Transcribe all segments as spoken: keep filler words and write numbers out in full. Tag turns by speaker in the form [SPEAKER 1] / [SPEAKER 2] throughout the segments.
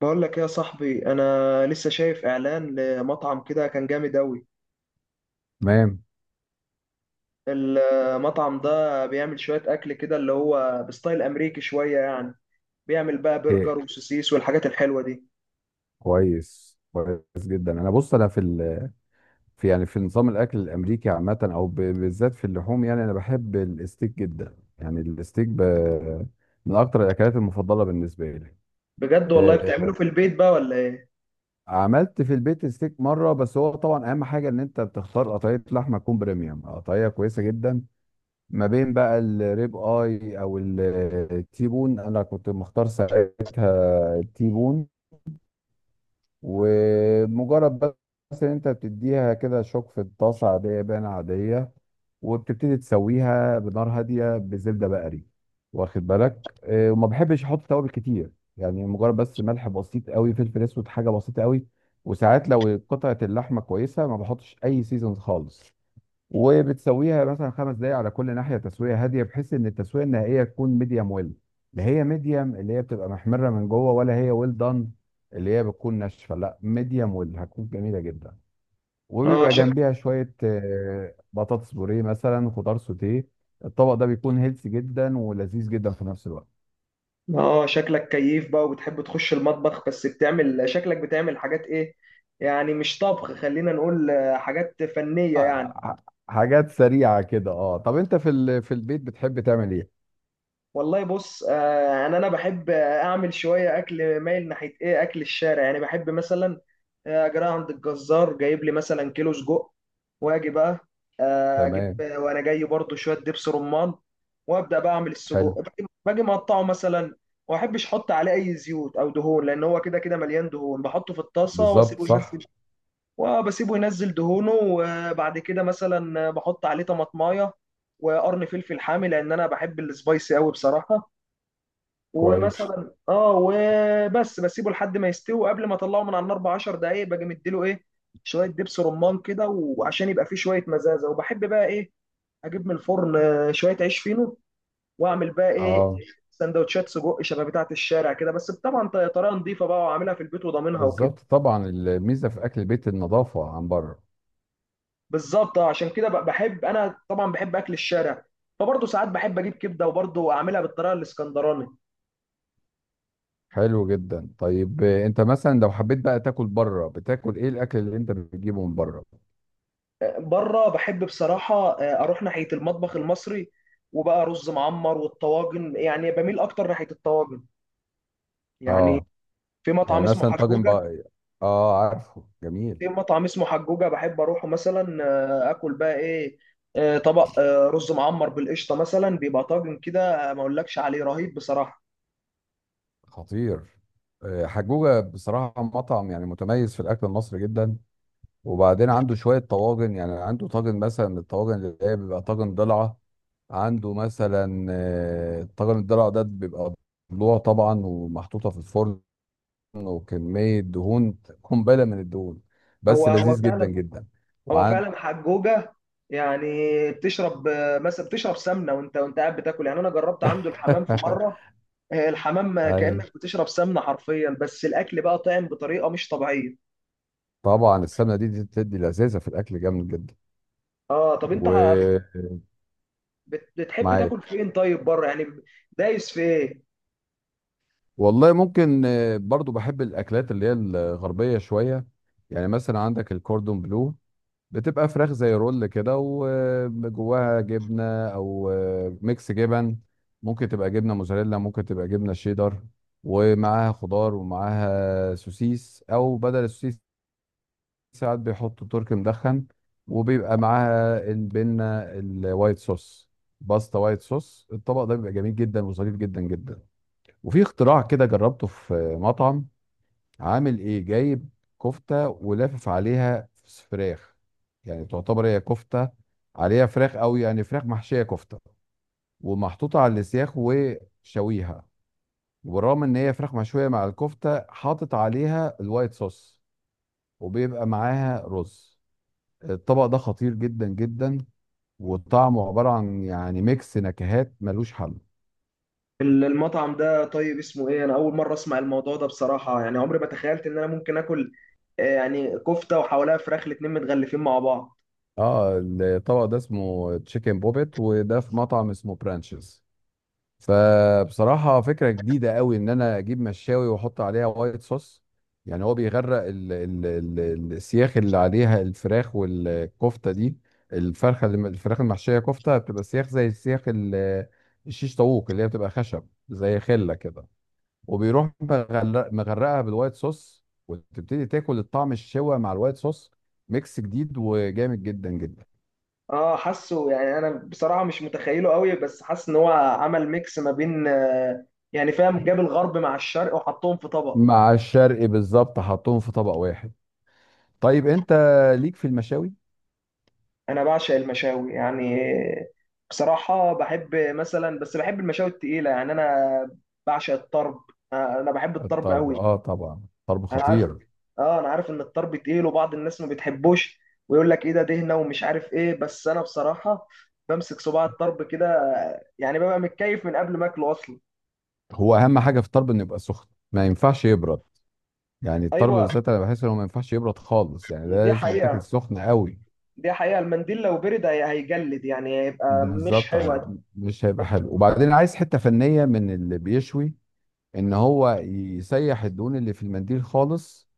[SPEAKER 1] بقول لك إيه يا صاحبي، انا لسه شايف اعلان لمطعم كده كان جامد اوي.
[SPEAKER 2] تمام.
[SPEAKER 1] المطعم ده بيعمل شوية اكل كده اللي هو بستايل امريكي شوية يعني. بيعمل بقى
[SPEAKER 2] إيه؟
[SPEAKER 1] برجر وسوسيس والحاجات الحلوة دي.
[SPEAKER 2] كويس كويس جدا، انا بص انا في ال... في يعني في نظام الاكل الامريكي عامه، او ب... بالذات في اللحوم، يعني انا بحب الستيك جدا، يعني الستيك ب... من اكتر الاكلات المفضله بالنسبه لي.
[SPEAKER 1] بجد والله،
[SPEAKER 2] إيه؟
[SPEAKER 1] بتعمله في البيت بقى ولا ايه؟
[SPEAKER 2] عملت في البيت ستيك مره، بس هو طبعا اهم حاجه ان انت بتختار قطعيه لحمه تكون بريميوم، قطعيه كويسه جدا. ما بين بقى الريب اي او التيبون، انا كنت مختار ساعتها التيبون. ومجرد بس ان انت بتديها كده شوك في الطاسه عاديه بان عاديه. وبتبتدي تسويها بنار هاديه بزبده بقري. واخد بالك، آه، وما بحبش احط توابل كتير. يعني مجرد بس ملح بسيط قوي، فلفل اسود، حاجه بسيطه قوي. وساعات لو قطعه اللحمه كويسه ما بحطش اي سيزون خالص. وبتسويها مثلا خمس دقايق على كل ناحيه، تسويه هاديه بحيث ان التسويه النهائيه تكون ميديم ويل. لا هي ميديم اللي هي بتبقى محمره من جوه، ولا هي ويل دان اللي هي بتكون ناشفه، لا ميديم ويل هتكون جميله جدا.
[SPEAKER 1] اه،
[SPEAKER 2] وبيبقى
[SPEAKER 1] شك...
[SPEAKER 2] جنبيها شويه آه، بطاطس بوريه مثلا، خضار سوتيه. الطبق ده بيكون هيلثي جدا ولذيذ جدا في نفس الوقت.
[SPEAKER 1] اه، شكلك كيف بقى وبتحب تخش المطبخ، بس بتعمل شكلك بتعمل حاجات ايه؟ يعني مش طبخ، خلينا نقول آه، حاجات فنية يعني.
[SPEAKER 2] آه، ح- حاجات سريعه كده. اه، طب انت في ال- في البيت بتحب تعمل ايه؟
[SPEAKER 1] والله بص، آه، انا انا بحب اعمل شويه اكل مايل ناحيه ايه، اكل الشارع يعني. بحب مثلا آه، اجي رايح عند الجزار جايب لي مثلا كيلو سجق، واجي بقى آه، اجيب
[SPEAKER 2] تمام.
[SPEAKER 1] آه، وانا جاي برضو شويه دبس رمان. وابدا بقى اعمل السجق،
[SPEAKER 2] حلو.
[SPEAKER 1] باجي باجي مقطعه مثلا. وما احبش احط عليه اي زيوت او دهون، لان هو كده كده مليان دهون. بحطه في الطاسه
[SPEAKER 2] بالظبط،
[SPEAKER 1] واسيبه
[SPEAKER 2] صح.
[SPEAKER 1] ينزل، وبسيبه ينزل دهونه. وبعد كده مثلا بحط عليه طماطمايه، وقرن فلفل حامي، لان انا بحب السبايسي قوي بصراحه.
[SPEAKER 2] كويس.
[SPEAKER 1] ومثلا اه وبس بسيبه لحد ما يستوي، وقبل ما اطلعه من على النار ب عشر دقائق باجي مديله ايه، شويه دبس رمان كده، وعشان يبقى فيه شويه مزازه. وبحب بقى ايه، اجيب من الفرن آه، شويه عيش فينو، واعمل بقى ايه،
[SPEAKER 2] اه.
[SPEAKER 1] سندوتشات سجق شبه بتاعه الشارع كده. بس طبعا ط- طريقه نظيفه بقى وعاملها في البيت وضامنها وكده.
[SPEAKER 2] بالظبط، طبعا الميزه في اكل البيت النظافه عن بره.
[SPEAKER 1] بالظبط. آه، عشان كده ب- بحب انا، طبعا بحب اكل الشارع. فبرضه ساعات بحب اجيب كبده وبرضه اعملها بالطريقه الاسكندراني.
[SPEAKER 2] حلو جدا. طيب، آه، انت مثلا لو حبيت بقى تاكل بره، بتاكل ايه الاكل اللي انت بتجيبه من بره؟
[SPEAKER 1] بره بحب بصراحة، آه، أروح ناحية المطبخ المصري. وبقى رز معمر والطواجن. يعني بميل أكتر ناحية الطواجن يعني.
[SPEAKER 2] اه،
[SPEAKER 1] في مطعم
[SPEAKER 2] يعني
[SPEAKER 1] اسمه
[SPEAKER 2] مثلا طاجن
[SPEAKER 1] حجوجة.
[SPEAKER 2] بقى. اه، عارفه.
[SPEAKER 1] في
[SPEAKER 2] جميل.
[SPEAKER 1] مطعم اسمه حجوجة بحب أروحه مثلا. آه، آكل بقى إيه، آه، طبق آه، رز معمر بالقشطة مثلا، بيبقى طاجن كده آه، ما أقولكش عليه رهيب بصراحة.
[SPEAKER 2] خطير. آه، حجوجة بصراحة مطعم يعني متميز في الأكل المصري جدا. وبعدين عنده شوية طواجن، يعني عنده طاجن مثلا من الطواجن اللي هي بيبقى طاجن ضلعة. عنده مثلا آه، طاجن الضلع ده بيبقى ضلوع طبعا ومحطوطة في الفرن، وكمية دهون، قنبلة من الدهون،
[SPEAKER 1] هو
[SPEAKER 2] بس
[SPEAKER 1] هو
[SPEAKER 2] لذيذ جدا
[SPEAKER 1] فعلا.
[SPEAKER 2] جدا.
[SPEAKER 1] هو
[SPEAKER 2] وعن.
[SPEAKER 1] فعلا حجوجة يعني. بتشرب آه، مثلا بتشرب سمنة وأنت وأنت قاعد بتاكل. يعني أنا جربت عنده الحمام في مرة. آه، الحمام
[SPEAKER 2] ايوه.
[SPEAKER 1] كأنك بتشرب سمنة حرفيا، بس الأكل بقى طعم بطريقة مش طبيعية.
[SPEAKER 2] طبعا السمنة دي دي بتدي لذاذة في الأكل جامد جدا.
[SPEAKER 1] اه، طب انت ح- بت-
[SPEAKER 2] ومعاك.
[SPEAKER 1] بت- بتحب تاكل فين طيب، بره يعني؟ دايس في ايه؟
[SPEAKER 2] والله ممكن آه، برضو بحب الأكلات اللي هي الغربية شوية. يعني مثلا عندك الكوردون بلو، بتبقى فراخ زي رول كده وجواها جبنة، أو ميكس جبن، ممكن تبقى جبنة موزاريلا، ممكن تبقى جبنة شيدر. ومعاها خضار ومعاها سوسيس، أو بدل السوسيس ساعات بيحطوا تركي مدخن، وبيبقى معاها البنة الوايت صوص، باستا وايت صوص. الطبق ده بيبقى جميل جدا وظريف جدا جدا. وفي اختراع كده جربته في مطعم، عامل ايه؟ جايب كفته ولافف عليها فراخ، يعني تعتبر هي كفته عليها فراخ، او يعني فراخ محشيه كفته، ومحطوطه على السياخ وشويها. وبالرغم ان هي فراخ مشويه مع الكفته حاطط عليها الوايت صوص، وبيبقى معاها رز. الطبق ده خطير جدا جدا، وطعمه عباره عن يعني ميكس نكهات ملوش حل.
[SPEAKER 1] ال- المطعم ده طيب اسمه ايه؟ انا اول مرة اسمع الموضوع ده بصراحة. يعني عمري ما تخيلت ان انا ممكن اكل آه، يعني كفتة وحواليها فراخ، الاتنين متغلفين مع بعض.
[SPEAKER 2] اه، الطبق ده اسمه تشيكن بوبيت، وده في مطعم اسمه برانشز. فبصراحة فكرة جديدة قوي ان انا اجيب مشاوي واحط عليها وايت صوص. يعني هو بيغرق ال ال ال ال- السياخ اللي عليها الفراخ والكفتة دي. الفرخة اللي الفراخ المحشية كفتة بتبقى سياخ زي السياخ ال- الشيش طاووق اللي هي بتبقى خشب زي خلة كده، وبيروح مغرق- مغرقها بالوايت صوص، وتبتدي تاكل الطعم الشوى مع الوايت صوص. ميكس جديد وجامد جدا جدا.
[SPEAKER 1] اه، حاسه يعني، انا بصراحة مش متخيله قوي، بس حاسس ان هو عمل ميكس ما بين، آه، يعني فاهم، جاب الغرب مع الشرق وحطهم في طبق.
[SPEAKER 2] مع الشرقي بالظبط، حطهم في طبق واحد. طيب انت ليك في المشاوي؟
[SPEAKER 1] انا بعشق المشاوي يعني. بصراحه بحب مثلا، بس بحب المشاوي التقيله يعني. انا بعشق الطرب. انا بحب الطرب
[SPEAKER 2] الطرب؟
[SPEAKER 1] قوي.
[SPEAKER 2] اه، طبعا الطرب
[SPEAKER 1] انا عارف.
[SPEAKER 2] خطير.
[SPEAKER 1] اه، انا عارف ان الطرب تقيل وبعض الناس ما بتحبوش، ويقول لك ايه ده دهنه ومش عارف ايه. بس انا بصراحه بمسك صباع الطرب كده، يعني ببقى متكيف من قبل ما اكله اصلا.
[SPEAKER 2] هو اهم حاجه في الطرب انه يبقى سخن، ما ينفعش يبرد. يعني الطرب
[SPEAKER 1] ايوه.
[SPEAKER 2] بالذات انا بحس انه ما ينفعش يبرد خالص، يعني ده
[SPEAKER 1] دي
[SPEAKER 2] لازم يتاكل
[SPEAKER 1] حقيقه.
[SPEAKER 2] سخن قوي.
[SPEAKER 1] دي حقيقه، المنديل لو برد هي- هيجلد، يعني هيبقى مش
[SPEAKER 2] بالظبط.
[SPEAKER 1] حلو.
[SPEAKER 2] ه- مش هيبقى حلو، وبعدين عايز حته فنيه من اللي بيشوي ان هو يسيح الدهون اللي في المنديل خالص،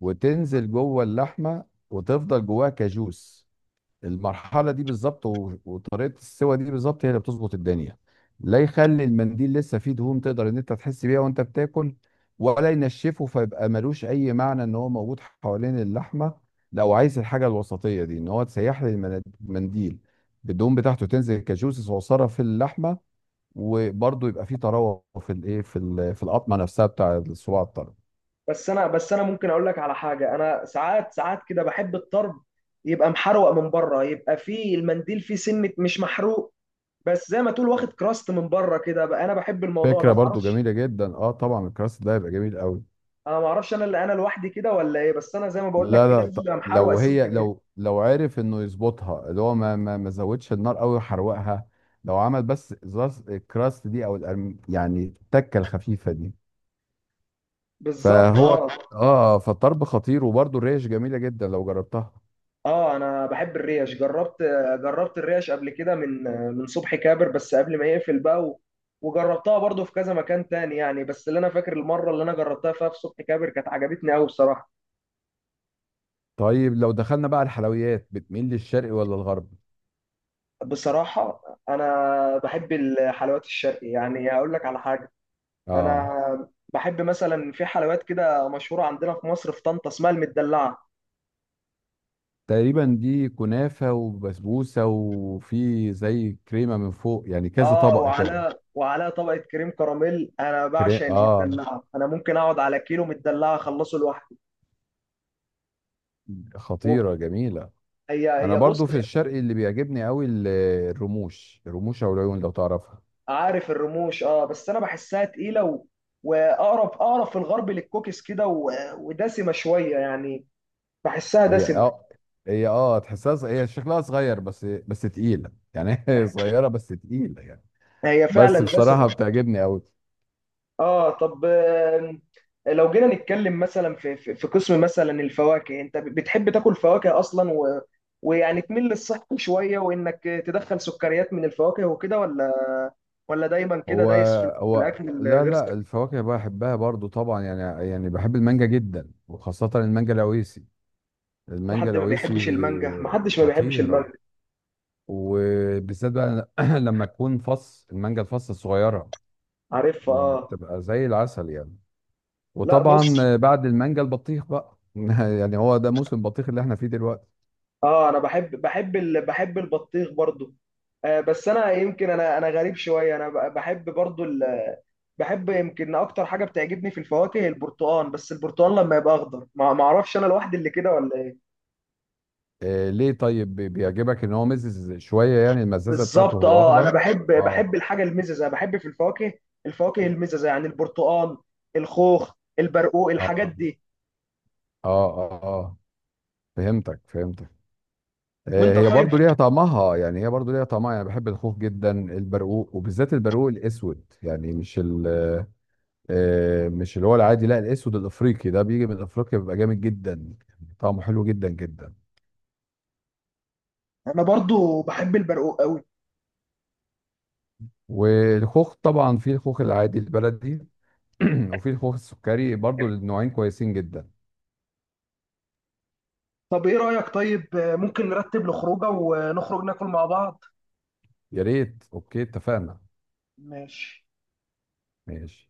[SPEAKER 2] وتنزل جوه اللحمه وتفضل جواها كجوس. المرحله دي بالظبط، و- وطريقه السوى دي بالظبط هي اللي بتظبط الدنيا. لا يخلي المنديل لسه فيه دهون تقدر ان انت تحس بيها وانت بتاكل، ولا ينشفه فيبقى ملوش اي معنى ان هو موجود حوالين اللحمه. لو عايز الحاجه الوسطيه دي ان هو تسيح لي المن- المنديل، الدهون بتاعته تنزل كجوسس صغيره في اللحمه، وبرضه يبقى فيه طراوه في الايه، في ال- في القطمه نفسها بتاع الصباع الطري.
[SPEAKER 1] بس انا بس انا ممكن اقول لك على حاجه، انا ساعات ساعات كده بحب الطرب يبقى محروق من بره، يبقى فيه المنديل فيه سنه مش محروق. بس زي ما تقول واخد كراست من بره كده بقى. انا بحب الموضوع ده
[SPEAKER 2] فكره برضه
[SPEAKER 1] معرفش.
[SPEAKER 2] جميله جدا، اه طبعا الكراست ده هيبقى جميل قوي.
[SPEAKER 1] انا معرفش، انا اللي انا لوحدي كده ولا ايه؟ بس انا زي ما بقول لك
[SPEAKER 2] لا،
[SPEAKER 1] كده،
[SPEAKER 2] لا،
[SPEAKER 1] لازم
[SPEAKER 2] ط-
[SPEAKER 1] يبقى محروق
[SPEAKER 2] لو
[SPEAKER 1] سمكه
[SPEAKER 2] هي
[SPEAKER 1] كده.
[SPEAKER 2] لو لو عرف انه يظبطها، اللي هو ما ما ما زودش النار قوي وحرقها. لو عمل بس زاز- الكراست دي او الأرم، يعني التكه الخفيفه دي.
[SPEAKER 1] بالظبط،
[SPEAKER 2] فهو.
[SPEAKER 1] اه.
[SPEAKER 2] اه، فالطرب خطير، وبرده الريش جميله جدا لو جربتها.
[SPEAKER 1] اه، انا بحب الريش. جربت جربت الريش قبل كده من من صبحي كابر، بس قبل ما يقفل بقى و... وجربتها برضو في كذا مكان تاني يعني، بس اللي انا فاكر المره اللي انا جربتها فيها في صبحي كابر كانت عجبتني قوي بصراحه.
[SPEAKER 2] طيب، لو دخلنا بقى الحلويات، بتميل للشرقي ولا الغربي؟
[SPEAKER 1] بصراحة، أنا بحب الحلويات الشرقي. يعني أقول لك على حاجة، أنا
[SPEAKER 2] اه.
[SPEAKER 1] بحب مثلا، في حلويات كده مشهورة عندنا في مصر، في طنطا، اسمها المدلعة.
[SPEAKER 2] تقريبا دي كنافه وبسبوسه، وفي زي كريمه من فوق، يعني كذا
[SPEAKER 1] آه،
[SPEAKER 2] طبق كده.
[SPEAKER 1] وعلى وعلى طبقة كريم كراميل. أنا
[SPEAKER 2] كري...
[SPEAKER 1] بعشق
[SPEAKER 2] اه.
[SPEAKER 1] المدلعة، أنا ممكن أقعد على كيلو مدلعة أخلصه لوحدي. وب-
[SPEAKER 2] خطيره، جميله.
[SPEAKER 1] هي
[SPEAKER 2] انا
[SPEAKER 1] هي بص.
[SPEAKER 2] برضو في الشرق اللي بيعجبني قوي ال- الرموش، الرموش او العيون، لو تعرفها.
[SPEAKER 1] عارف الرموش آه، بس أنا بحسها تقيلة، و... وأقرب أقرب في الغرب للكوكيز كده، و... ودسمة شوية يعني، بحسها
[SPEAKER 2] هي
[SPEAKER 1] دسمة.
[SPEAKER 2] اه، هي اه تحسها ص- هي شكلها صغير، بس بس تقيله يعني، هي صغيره بس تقيله يعني.
[SPEAKER 1] هي فعلا
[SPEAKER 2] بس
[SPEAKER 1] دسمة.
[SPEAKER 2] بصراحه بتعجبني قوي.
[SPEAKER 1] اه، طب آم، لو جينا نتكلم مثلا في في في قسم مثلا الفواكه، انت بتحب تاكل فواكه اصلا، و... ويعني تميل للصحي شويه وانك تدخل سكريات من الفواكه وكده، ولا ولا دايما كده
[SPEAKER 2] هو
[SPEAKER 1] دايس في
[SPEAKER 2] هو
[SPEAKER 1] الاكل
[SPEAKER 2] لا،
[SPEAKER 1] الغير
[SPEAKER 2] لا،
[SPEAKER 1] صحي؟
[SPEAKER 2] الفواكه بحبها برضو طبعا، يعني يعني بحب المانجا جدا وخاصه المانجا العويسي.
[SPEAKER 1] في
[SPEAKER 2] المانجا
[SPEAKER 1] حد ما
[SPEAKER 2] العويسي
[SPEAKER 1] بيحبش المانجا؟ ما حدش ما بيحبش المانجا.
[SPEAKER 2] خطيره. وبالذات بقى لما تكون فص المانجا الفص الصغيره،
[SPEAKER 1] عارفها اه.
[SPEAKER 2] بتبقى زي العسل يعني.
[SPEAKER 1] لا
[SPEAKER 2] وطبعا،
[SPEAKER 1] بص،
[SPEAKER 2] آه، بعد المانجا البطيخ بقى. يعني هو ده موسم البطيخ اللي احنا فيه دلوقتي.
[SPEAKER 1] اه، انا بحب بحب ال... بحب البطيخ برضو. آه بس انا يمكن انا انا غريب شويه، انا بحب برضو، بحب يمكن اكتر حاجه بتعجبني في الفواكه البرتقال. بس البرتقال لما يبقى اخضر، ما ما اعرفش، انا لوحدي اللي كده ولا ايه؟
[SPEAKER 2] آه، ليه؟ طيب بي- بيعجبك ان هو مزز شويه، يعني المزازه بتاعته
[SPEAKER 1] بالظبط
[SPEAKER 2] هو
[SPEAKER 1] اه، انا
[SPEAKER 2] اخضر.
[SPEAKER 1] بحب
[SPEAKER 2] اه،
[SPEAKER 1] بحب الحاجه المززه، بحب في الفواكه، الفواكه المززه يعني، البرتقال، الخوخ، البرقوق، الحاجات
[SPEAKER 2] اه،
[SPEAKER 1] دي.
[SPEAKER 2] اه. اه، اه. فهمتك، فهمتك. آه،
[SPEAKER 1] وانت
[SPEAKER 2] هي
[SPEAKER 1] طيب؟
[SPEAKER 2] برضو ليها طعمها، يعني هي برضو ليها طعمها، يعني بحب الخوخ جدا، البرقوق وبالذات البرقوق الاسود، يعني مش ال آه، مش اللي هو العادي، لا الاسود الافريقي ده بيجي من افريقيا بيبقى جامد جدا. طعمه حلو جدا جدا.
[SPEAKER 1] انا برضو بحب البرقوق قوي.
[SPEAKER 2] والخوخ طبعا، في الخوخ العادي البلدي، وفي الخوخ السكري برضو، النوعين كويسين جدا.
[SPEAKER 1] طب ايه رايك، طيب آه، ممكن نرتب له خروجه ونخرج ناكل مع بعض؟
[SPEAKER 2] يا ريت، اوكي، اتفقنا.
[SPEAKER 1] ماشي.
[SPEAKER 2] ماشي.